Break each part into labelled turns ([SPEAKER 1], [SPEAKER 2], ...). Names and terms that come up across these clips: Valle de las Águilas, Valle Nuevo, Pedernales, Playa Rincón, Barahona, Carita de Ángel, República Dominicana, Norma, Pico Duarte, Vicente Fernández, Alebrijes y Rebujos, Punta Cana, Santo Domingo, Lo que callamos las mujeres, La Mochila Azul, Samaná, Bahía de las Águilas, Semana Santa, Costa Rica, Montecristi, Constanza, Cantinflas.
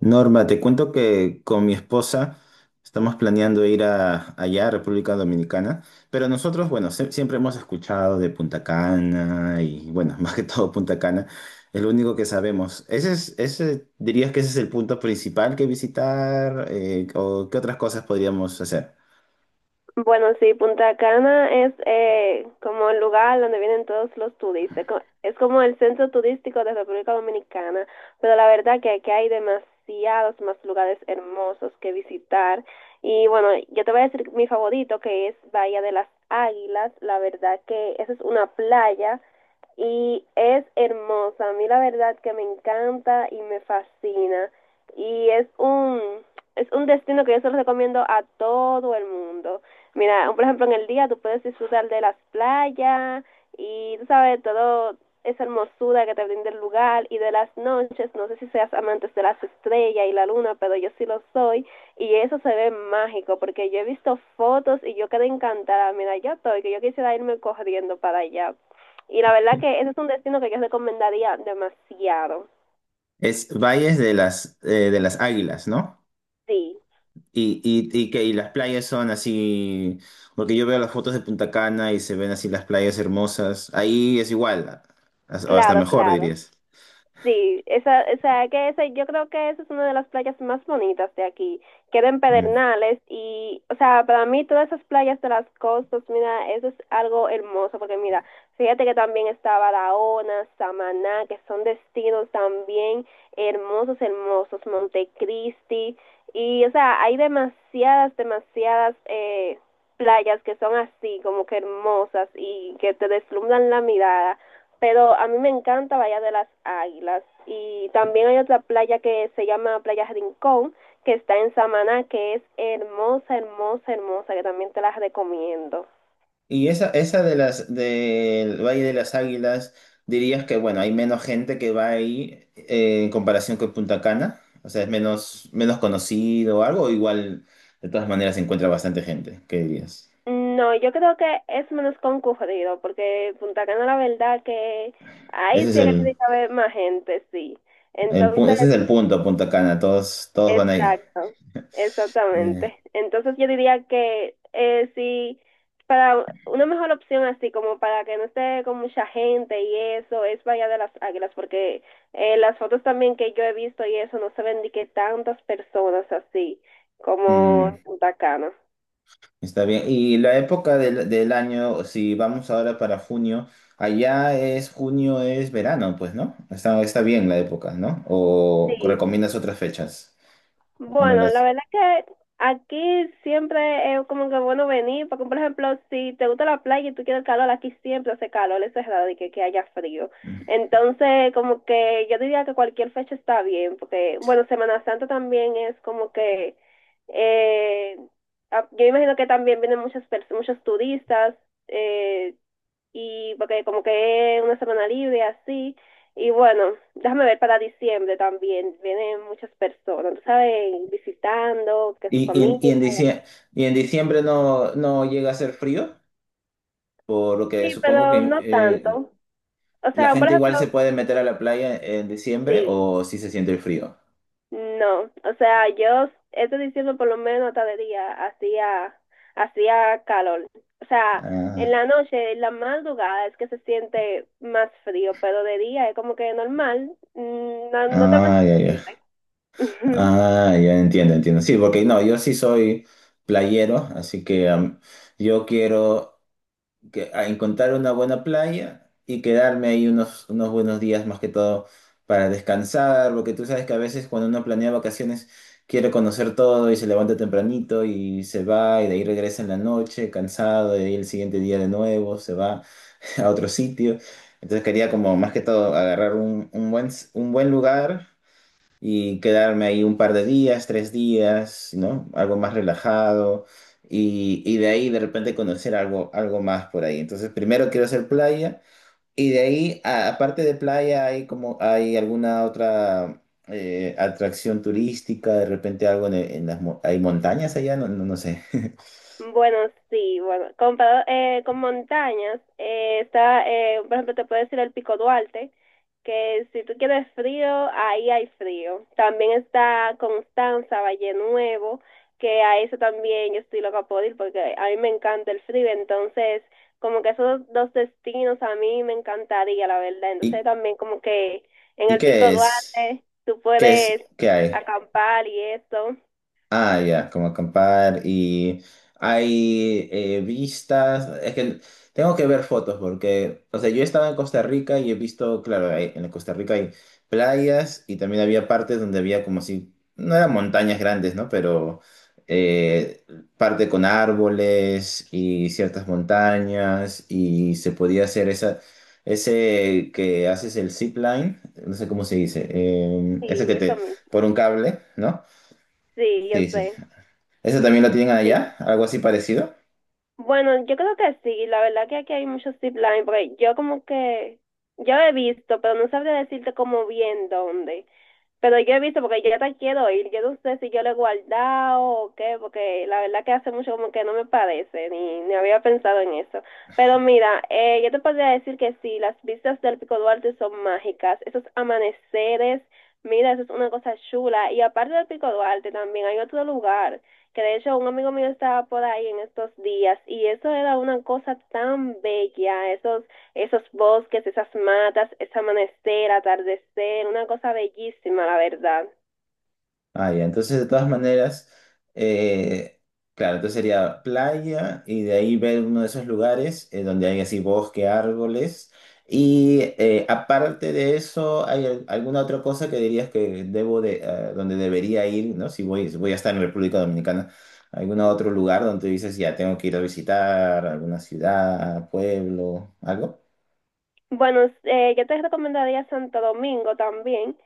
[SPEAKER 1] Norma, te cuento que con mi esposa estamos planeando ir allá a República Dominicana, pero nosotros, bueno, siempre hemos escuchado de Punta Cana y, bueno, más que todo Punta Cana, es lo único que sabemos. ¿Ese es, ese, dirías que ese es el punto principal que visitar o qué otras cosas podríamos hacer?
[SPEAKER 2] Bueno, sí, Punta Cana es como el lugar donde vienen todos los turistas. Es como el centro turístico de República Dominicana, pero la verdad que aquí hay demasiados más lugares hermosos que visitar. Y bueno, yo te voy a decir mi favorito, que es Bahía de las Águilas. La verdad que esa es una playa y es hermosa. A mí la verdad que me encanta y me fascina. Y es un, es un destino que yo se lo recomiendo a todo el mundo. Mira, por ejemplo, en el día tú puedes disfrutar de las playas y, tú sabes, todo esa hermosura que te brinda el lugar y de las noches, no sé si seas amantes de las estrellas y la luna, pero yo sí lo soy y eso se ve mágico porque yo he visto fotos y yo quedé encantada, mira, yo estoy, que yo quisiera irme corriendo para allá. Y la verdad que ese es un destino que yo recomendaría demasiado.
[SPEAKER 1] Es Valles de las Águilas, ¿no?
[SPEAKER 2] Sí,
[SPEAKER 1] Y las playas son así, porque yo veo las fotos de Punta Cana y se ven así las playas hermosas. Ahí es igual, o hasta
[SPEAKER 2] claro,
[SPEAKER 1] mejor
[SPEAKER 2] claro.
[SPEAKER 1] dirías.
[SPEAKER 2] Sí, esa, o sea, que esa, yo creo que esa es una de las playas más bonitas de aquí. Queda en
[SPEAKER 1] Mm.
[SPEAKER 2] Pedernales y, o sea, para mí todas esas playas de las costas, mira, eso es algo hermoso porque mira, fíjate que también está Barahona, Samaná, que son destinos también hermosos, hermosos, Montecristi y, o sea, hay demasiadas playas que son así, como que hermosas y que te deslumbran la mirada pero a mí me encanta Bahía de las Águilas y también hay otra playa que se llama Playa Rincón que está en Samaná que es hermosa, hermosa, hermosa que también te las recomiendo.
[SPEAKER 1] Y esa de las del Valle de las Águilas, dirías que bueno, hay menos gente que va ahí en comparación con Punta Cana. O sea, es menos, menos conocido o algo, o igual de todas maneras se encuentra bastante gente, ¿qué dirías?
[SPEAKER 2] No, yo creo que es menos concurrido porque Punta Cana la verdad que ahí
[SPEAKER 1] Ese
[SPEAKER 2] sí
[SPEAKER 1] es
[SPEAKER 2] que
[SPEAKER 1] el,
[SPEAKER 2] tiene que haber más gente, sí. Entonces
[SPEAKER 1] ese es el punto, Punta Cana, todos, todos van ahí.
[SPEAKER 2] exacto,
[SPEAKER 1] Eh,
[SPEAKER 2] exactamente. Entonces yo diría que sí, para una mejor opción así como para que no esté con mucha gente y eso es Bahía de las Águilas porque las fotos también que yo he visto y eso no se ven ni que tantas personas así como en
[SPEAKER 1] mm.
[SPEAKER 2] Punta Cana.
[SPEAKER 1] Está bien. Y la época del, del año, si vamos ahora para junio, allá es junio, es verano, pues, ¿no? Está, está bien la época, ¿no? ¿O
[SPEAKER 2] Sí.
[SPEAKER 1] recomiendas otras fechas? Bueno,
[SPEAKER 2] Bueno, la
[SPEAKER 1] las...
[SPEAKER 2] verdad es que aquí siempre es como que bueno venir, porque por ejemplo, si te gusta la playa y tú quieres calor, aquí siempre hace calor, es cerrado y que haya frío. Entonces, como que yo diría que cualquier fecha está bien, porque bueno, Semana Santa también es como que, eh, yo imagino que también vienen muchos turistas, eh, y porque como que es una semana libre así. Y bueno, déjame ver para diciembre también. Vienen muchas personas, tú sabes, visitando, que su
[SPEAKER 1] ¿Y, y, en,
[SPEAKER 2] familia
[SPEAKER 1] y, en
[SPEAKER 2] y así.
[SPEAKER 1] dicie- y en diciembre no, no llega a ser frío? Por lo
[SPEAKER 2] Sí,
[SPEAKER 1] que supongo
[SPEAKER 2] pero
[SPEAKER 1] que
[SPEAKER 2] no tanto. O
[SPEAKER 1] la
[SPEAKER 2] sea, por
[SPEAKER 1] gente
[SPEAKER 2] ejemplo,
[SPEAKER 1] igual se puede meter a la playa en diciembre
[SPEAKER 2] sí,
[SPEAKER 1] o si se siente el frío.
[SPEAKER 2] no. O sea, yo este diciembre por lo menos hasta de día hacía calor. O sea, en
[SPEAKER 1] Ah,
[SPEAKER 2] la noche, en la madrugada es que se siente más frío, pero de día es como que normal. Mm, no, no tan
[SPEAKER 1] ah, ya, ya.
[SPEAKER 2] siempre.
[SPEAKER 1] Ah, ya entiendo, entiendo. Sí, porque no, yo sí soy playero, así que yo quiero que, a encontrar una buena playa y quedarme ahí unos, unos buenos días más que todo para descansar, porque tú sabes que a veces cuando uno planea vacaciones quiere conocer todo y se levanta tempranito y se va y de ahí regresa en la noche cansado y de ahí el siguiente día de nuevo se va a otro sitio. Entonces quería como más que todo agarrar un buen lugar y quedarme ahí un par de días, tres días, ¿no? Algo más relajado y de ahí de repente conocer algo, algo más por ahí. Entonces, primero quiero hacer playa y de ahí, aparte de playa, hay como, hay alguna otra atracción turística, de repente algo en las, hay montañas allá, no, no, no sé.
[SPEAKER 2] Bueno, sí, bueno, comparado con montañas, por ejemplo, te puedo decir el Pico Duarte, que si tú quieres frío, ahí hay frío. También está Constanza, Valle Nuevo, que a eso también yo estoy loca por ir porque a mí me encanta el frío, entonces como que esos dos destinos a mí me encantaría, la verdad. Entonces
[SPEAKER 1] ¿Y,
[SPEAKER 2] también como que en
[SPEAKER 1] y
[SPEAKER 2] el Pico
[SPEAKER 1] qué es?
[SPEAKER 2] Duarte tú
[SPEAKER 1] ¿Qué es?
[SPEAKER 2] puedes
[SPEAKER 1] ¿Qué hay?
[SPEAKER 2] acampar y eso,
[SPEAKER 1] Ah, ya, como acampar y hay vistas, es que tengo que ver fotos porque, o sea, yo he estado en Costa Rica y he visto, claro, en Costa Rica hay playas y también había partes donde había como si, no eran montañas grandes, ¿no? Pero eh, parte con árboles y ciertas montañas y se podía hacer esa, ese que haces el zip line, no sé cómo se dice, ese que
[SPEAKER 2] sí, eso
[SPEAKER 1] te,
[SPEAKER 2] mismo,
[SPEAKER 1] por un cable, ¿no?
[SPEAKER 2] sí, yo
[SPEAKER 1] Sí, sí,
[SPEAKER 2] sé.
[SPEAKER 1] ¿eso también lo tienen
[SPEAKER 2] Sí.
[SPEAKER 1] allá? ¿Algo así parecido?
[SPEAKER 2] Bueno, yo creo que sí, la verdad que aquí hay muchos zip line, porque yo como que, yo he visto, pero no sabría decirte como bien dónde. Pero yo he visto, porque yo ya te quiero ir, yo no sé si yo lo he guardado o qué, porque la verdad que hace mucho como que no me parece, ni había pensado en eso. Pero mira, yo te podría decir que sí, las vistas del Pico Duarte son mágicas, esos amaneceres, mira, eso es una cosa chula. Y aparte del Pico Duarte también hay otro lugar, que de hecho un amigo mío estaba por ahí en estos días, y eso era una cosa tan bella, esos bosques, esas matas, ese amanecer, atardecer, una cosa bellísima, la verdad.
[SPEAKER 1] Ah, ya. Entonces, de todas maneras, eh, claro, entonces sería playa y de ahí ver uno de esos lugares donde hay así bosque, árboles. Y aparte de eso, ¿hay alguna otra cosa que dirías que debo de, donde debería ir, ¿no? Si voy, si voy a estar en República Dominicana, ¿algún otro lugar donde dices, ya tengo que ir a visitar alguna ciudad, pueblo, algo?
[SPEAKER 2] Bueno, yo te recomendaría Santo Domingo también,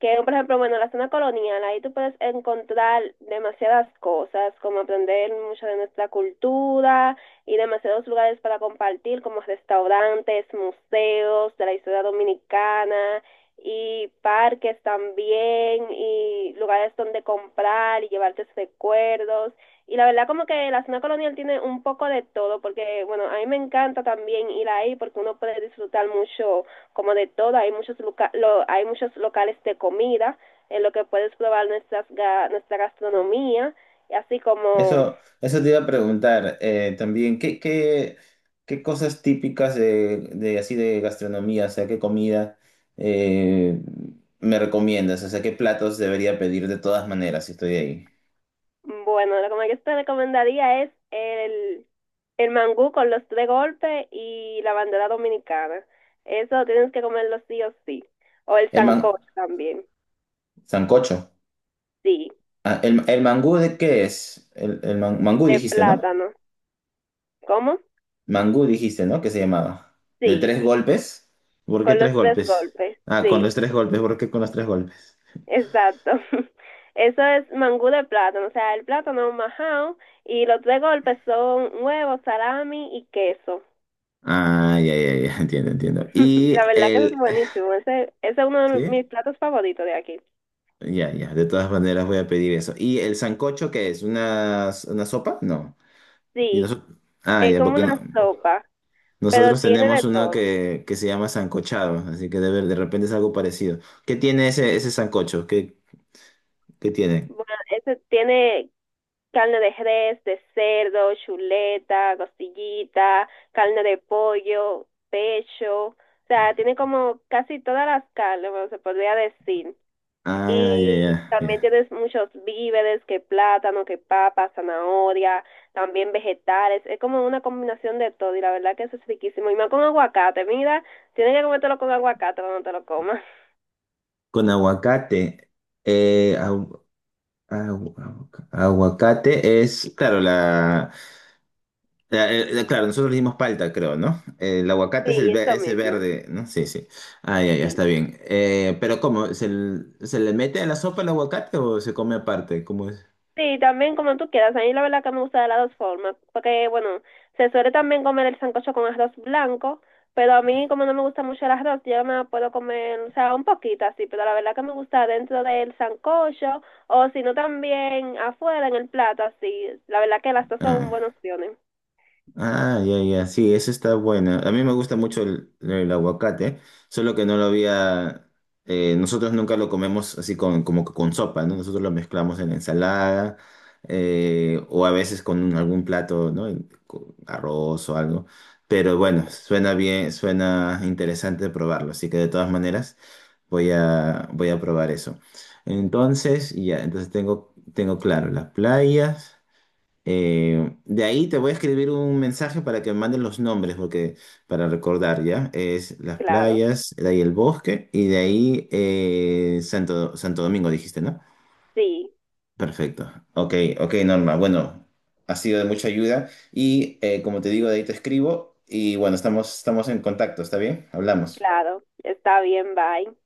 [SPEAKER 2] que por ejemplo, bueno, la zona colonial, ahí tú puedes encontrar demasiadas cosas, como aprender mucho de nuestra cultura y demasiados lugares para compartir, como restaurantes, museos de la historia dominicana y parques también y lugares donde comprar y llevarte recuerdos. Y la verdad como que la zona colonial tiene un poco de todo, porque bueno, a mí me encanta también ir ahí porque uno puede disfrutar mucho como de todo, hay muchos, hay muchos locales de comida en lo que puedes probar nuestra gastronomía, y así como,
[SPEAKER 1] Eso te iba a preguntar también, ¿qué, qué, qué cosas típicas de así de gastronomía, o sea, qué comida eh, me recomiendas? O sea, ¿qué platos debería pedir de todas maneras si estoy ahí?
[SPEAKER 2] bueno, lo que yo te recomendaría es el mangú con los tres golpes y la bandera dominicana. Eso tienes que comerlo sí o sí. O el
[SPEAKER 1] El man,
[SPEAKER 2] sancocho también,
[SPEAKER 1] sancocho.
[SPEAKER 2] sí,
[SPEAKER 1] Ah, el, ¿el mangú de qué es? El, mangú
[SPEAKER 2] de
[SPEAKER 1] dijiste, ¿no?
[SPEAKER 2] plátano. ¿Cómo?
[SPEAKER 1] Mangú dijiste, ¿no? ¿Qué se llamaba? ¿De
[SPEAKER 2] Sí.
[SPEAKER 1] tres golpes? ¿Por qué
[SPEAKER 2] Con
[SPEAKER 1] tres
[SPEAKER 2] los tres
[SPEAKER 1] golpes?
[SPEAKER 2] golpes,
[SPEAKER 1] Ah, con
[SPEAKER 2] sí,
[SPEAKER 1] los tres golpes, ¿por qué con los tres golpes?
[SPEAKER 2] exacto. Eso es mangú de plátano, o sea, el plátano majado y los tres golpes son huevo, salami y queso.
[SPEAKER 1] Ah, ya, ya, ya, entiendo, entiendo. Y
[SPEAKER 2] La verdad que eso es
[SPEAKER 1] el...
[SPEAKER 2] buenísimo, ese es uno de
[SPEAKER 1] ¿Sí?
[SPEAKER 2] mis platos favoritos de aquí.
[SPEAKER 1] Ya, ya, de todas maneras voy a pedir eso. ¿Y el sancocho qué es? Una sopa? No. Y
[SPEAKER 2] Sí,
[SPEAKER 1] noso- ah,
[SPEAKER 2] es
[SPEAKER 1] ya,
[SPEAKER 2] como
[SPEAKER 1] porque
[SPEAKER 2] una sopa, pero
[SPEAKER 1] nosotros
[SPEAKER 2] tiene de
[SPEAKER 1] tenemos uno
[SPEAKER 2] todo.
[SPEAKER 1] que se llama sancochado, así que de, de repente es algo parecido. ¿Qué tiene ese, ese sancocho? ¿Qué, qué tiene?
[SPEAKER 2] Bueno, ese tiene carne de res, de cerdo, chuleta, costillita, carne de pollo, pecho, o sea, tiene como casi todas las carnes, bueno, se podría decir.
[SPEAKER 1] Ah, ya,
[SPEAKER 2] Y
[SPEAKER 1] ya,
[SPEAKER 2] también
[SPEAKER 1] ya.
[SPEAKER 2] tienes muchos víveres, que plátano, que papa, zanahoria, también vegetales, es como una combinación de todo y la verdad que eso es riquísimo. Y más con aguacate, mira, tienes que comértelo con aguacate cuando te lo comas.
[SPEAKER 1] Con aguacate. Eh, agu- agu- aguacate es, claro, la, claro, nosotros le dimos palta, creo, ¿no? El aguacate
[SPEAKER 2] Sí,
[SPEAKER 1] es el
[SPEAKER 2] eso
[SPEAKER 1] ese
[SPEAKER 2] mismo,
[SPEAKER 1] verde, ¿no? Sí, sí. Ah, ya, ya, está
[SPEAKER 2] sí.
[SPEAKER 1] bien. Pero ¿cómo? ¿Se, se le mete a la sopa el aguacate o se come aparte? ¿Cómo es?
[SPEAKER 2] Sí, también como tú quieras. A mí la verdad que me gusta de las dos formas. Porque, bueno, se suele también comer el sancocho con arroz blanco. Pero a mí, como no me gusta mucho el arroz, yo me puedo comer, o sea, un poquito así. Pero la verdad que me gusta dentro del sancocho. O si no, también afuera en el plato, así. La verdad que las dos son
[SPEAKER 1] Ah.
[SPEAKER 2] buenas opciones.
[SPEAKER 1] Ah, ya, ya, sí, eso está buena. A mí me gusta mucho el aguacate, solo que no lo había, nosotros nunca lo comemos así con, como que con sopa, ¿no? Nosotros lo mezclamos en ensalada o a veces con algún plato, ¿no? En- con arroz o algo. Pero bueno,
[SPEAKER 2] Sí,
[SPEAKER 1] suena bien, suena interesante probarlo, así que de todas maneras voy a, voy a probar eso. Entonces, ya, entonces tengo, tengo claro las playas. De ahí te voy a escribir un mensaje para que me manden los nombres, porque para recordar, ¿ya? Es las
[SPEAKER 2] claro.
[SPEAKER 1] playas, de ahí el bosque y de ahí Santo, Santo Domingo, dijiste, ¿no?
[SPEAKER 2] Sí,
[SPEAKER 1] Perfecto. Ok, ok, Norma. Bueno, ha sido de mucha ayuda y como te digo, de ahí te escribo y bueno, estamos, estamos en contacto, ¿está bien? Hablamos.
[SPEAKER 2] claro. Está bien, bye.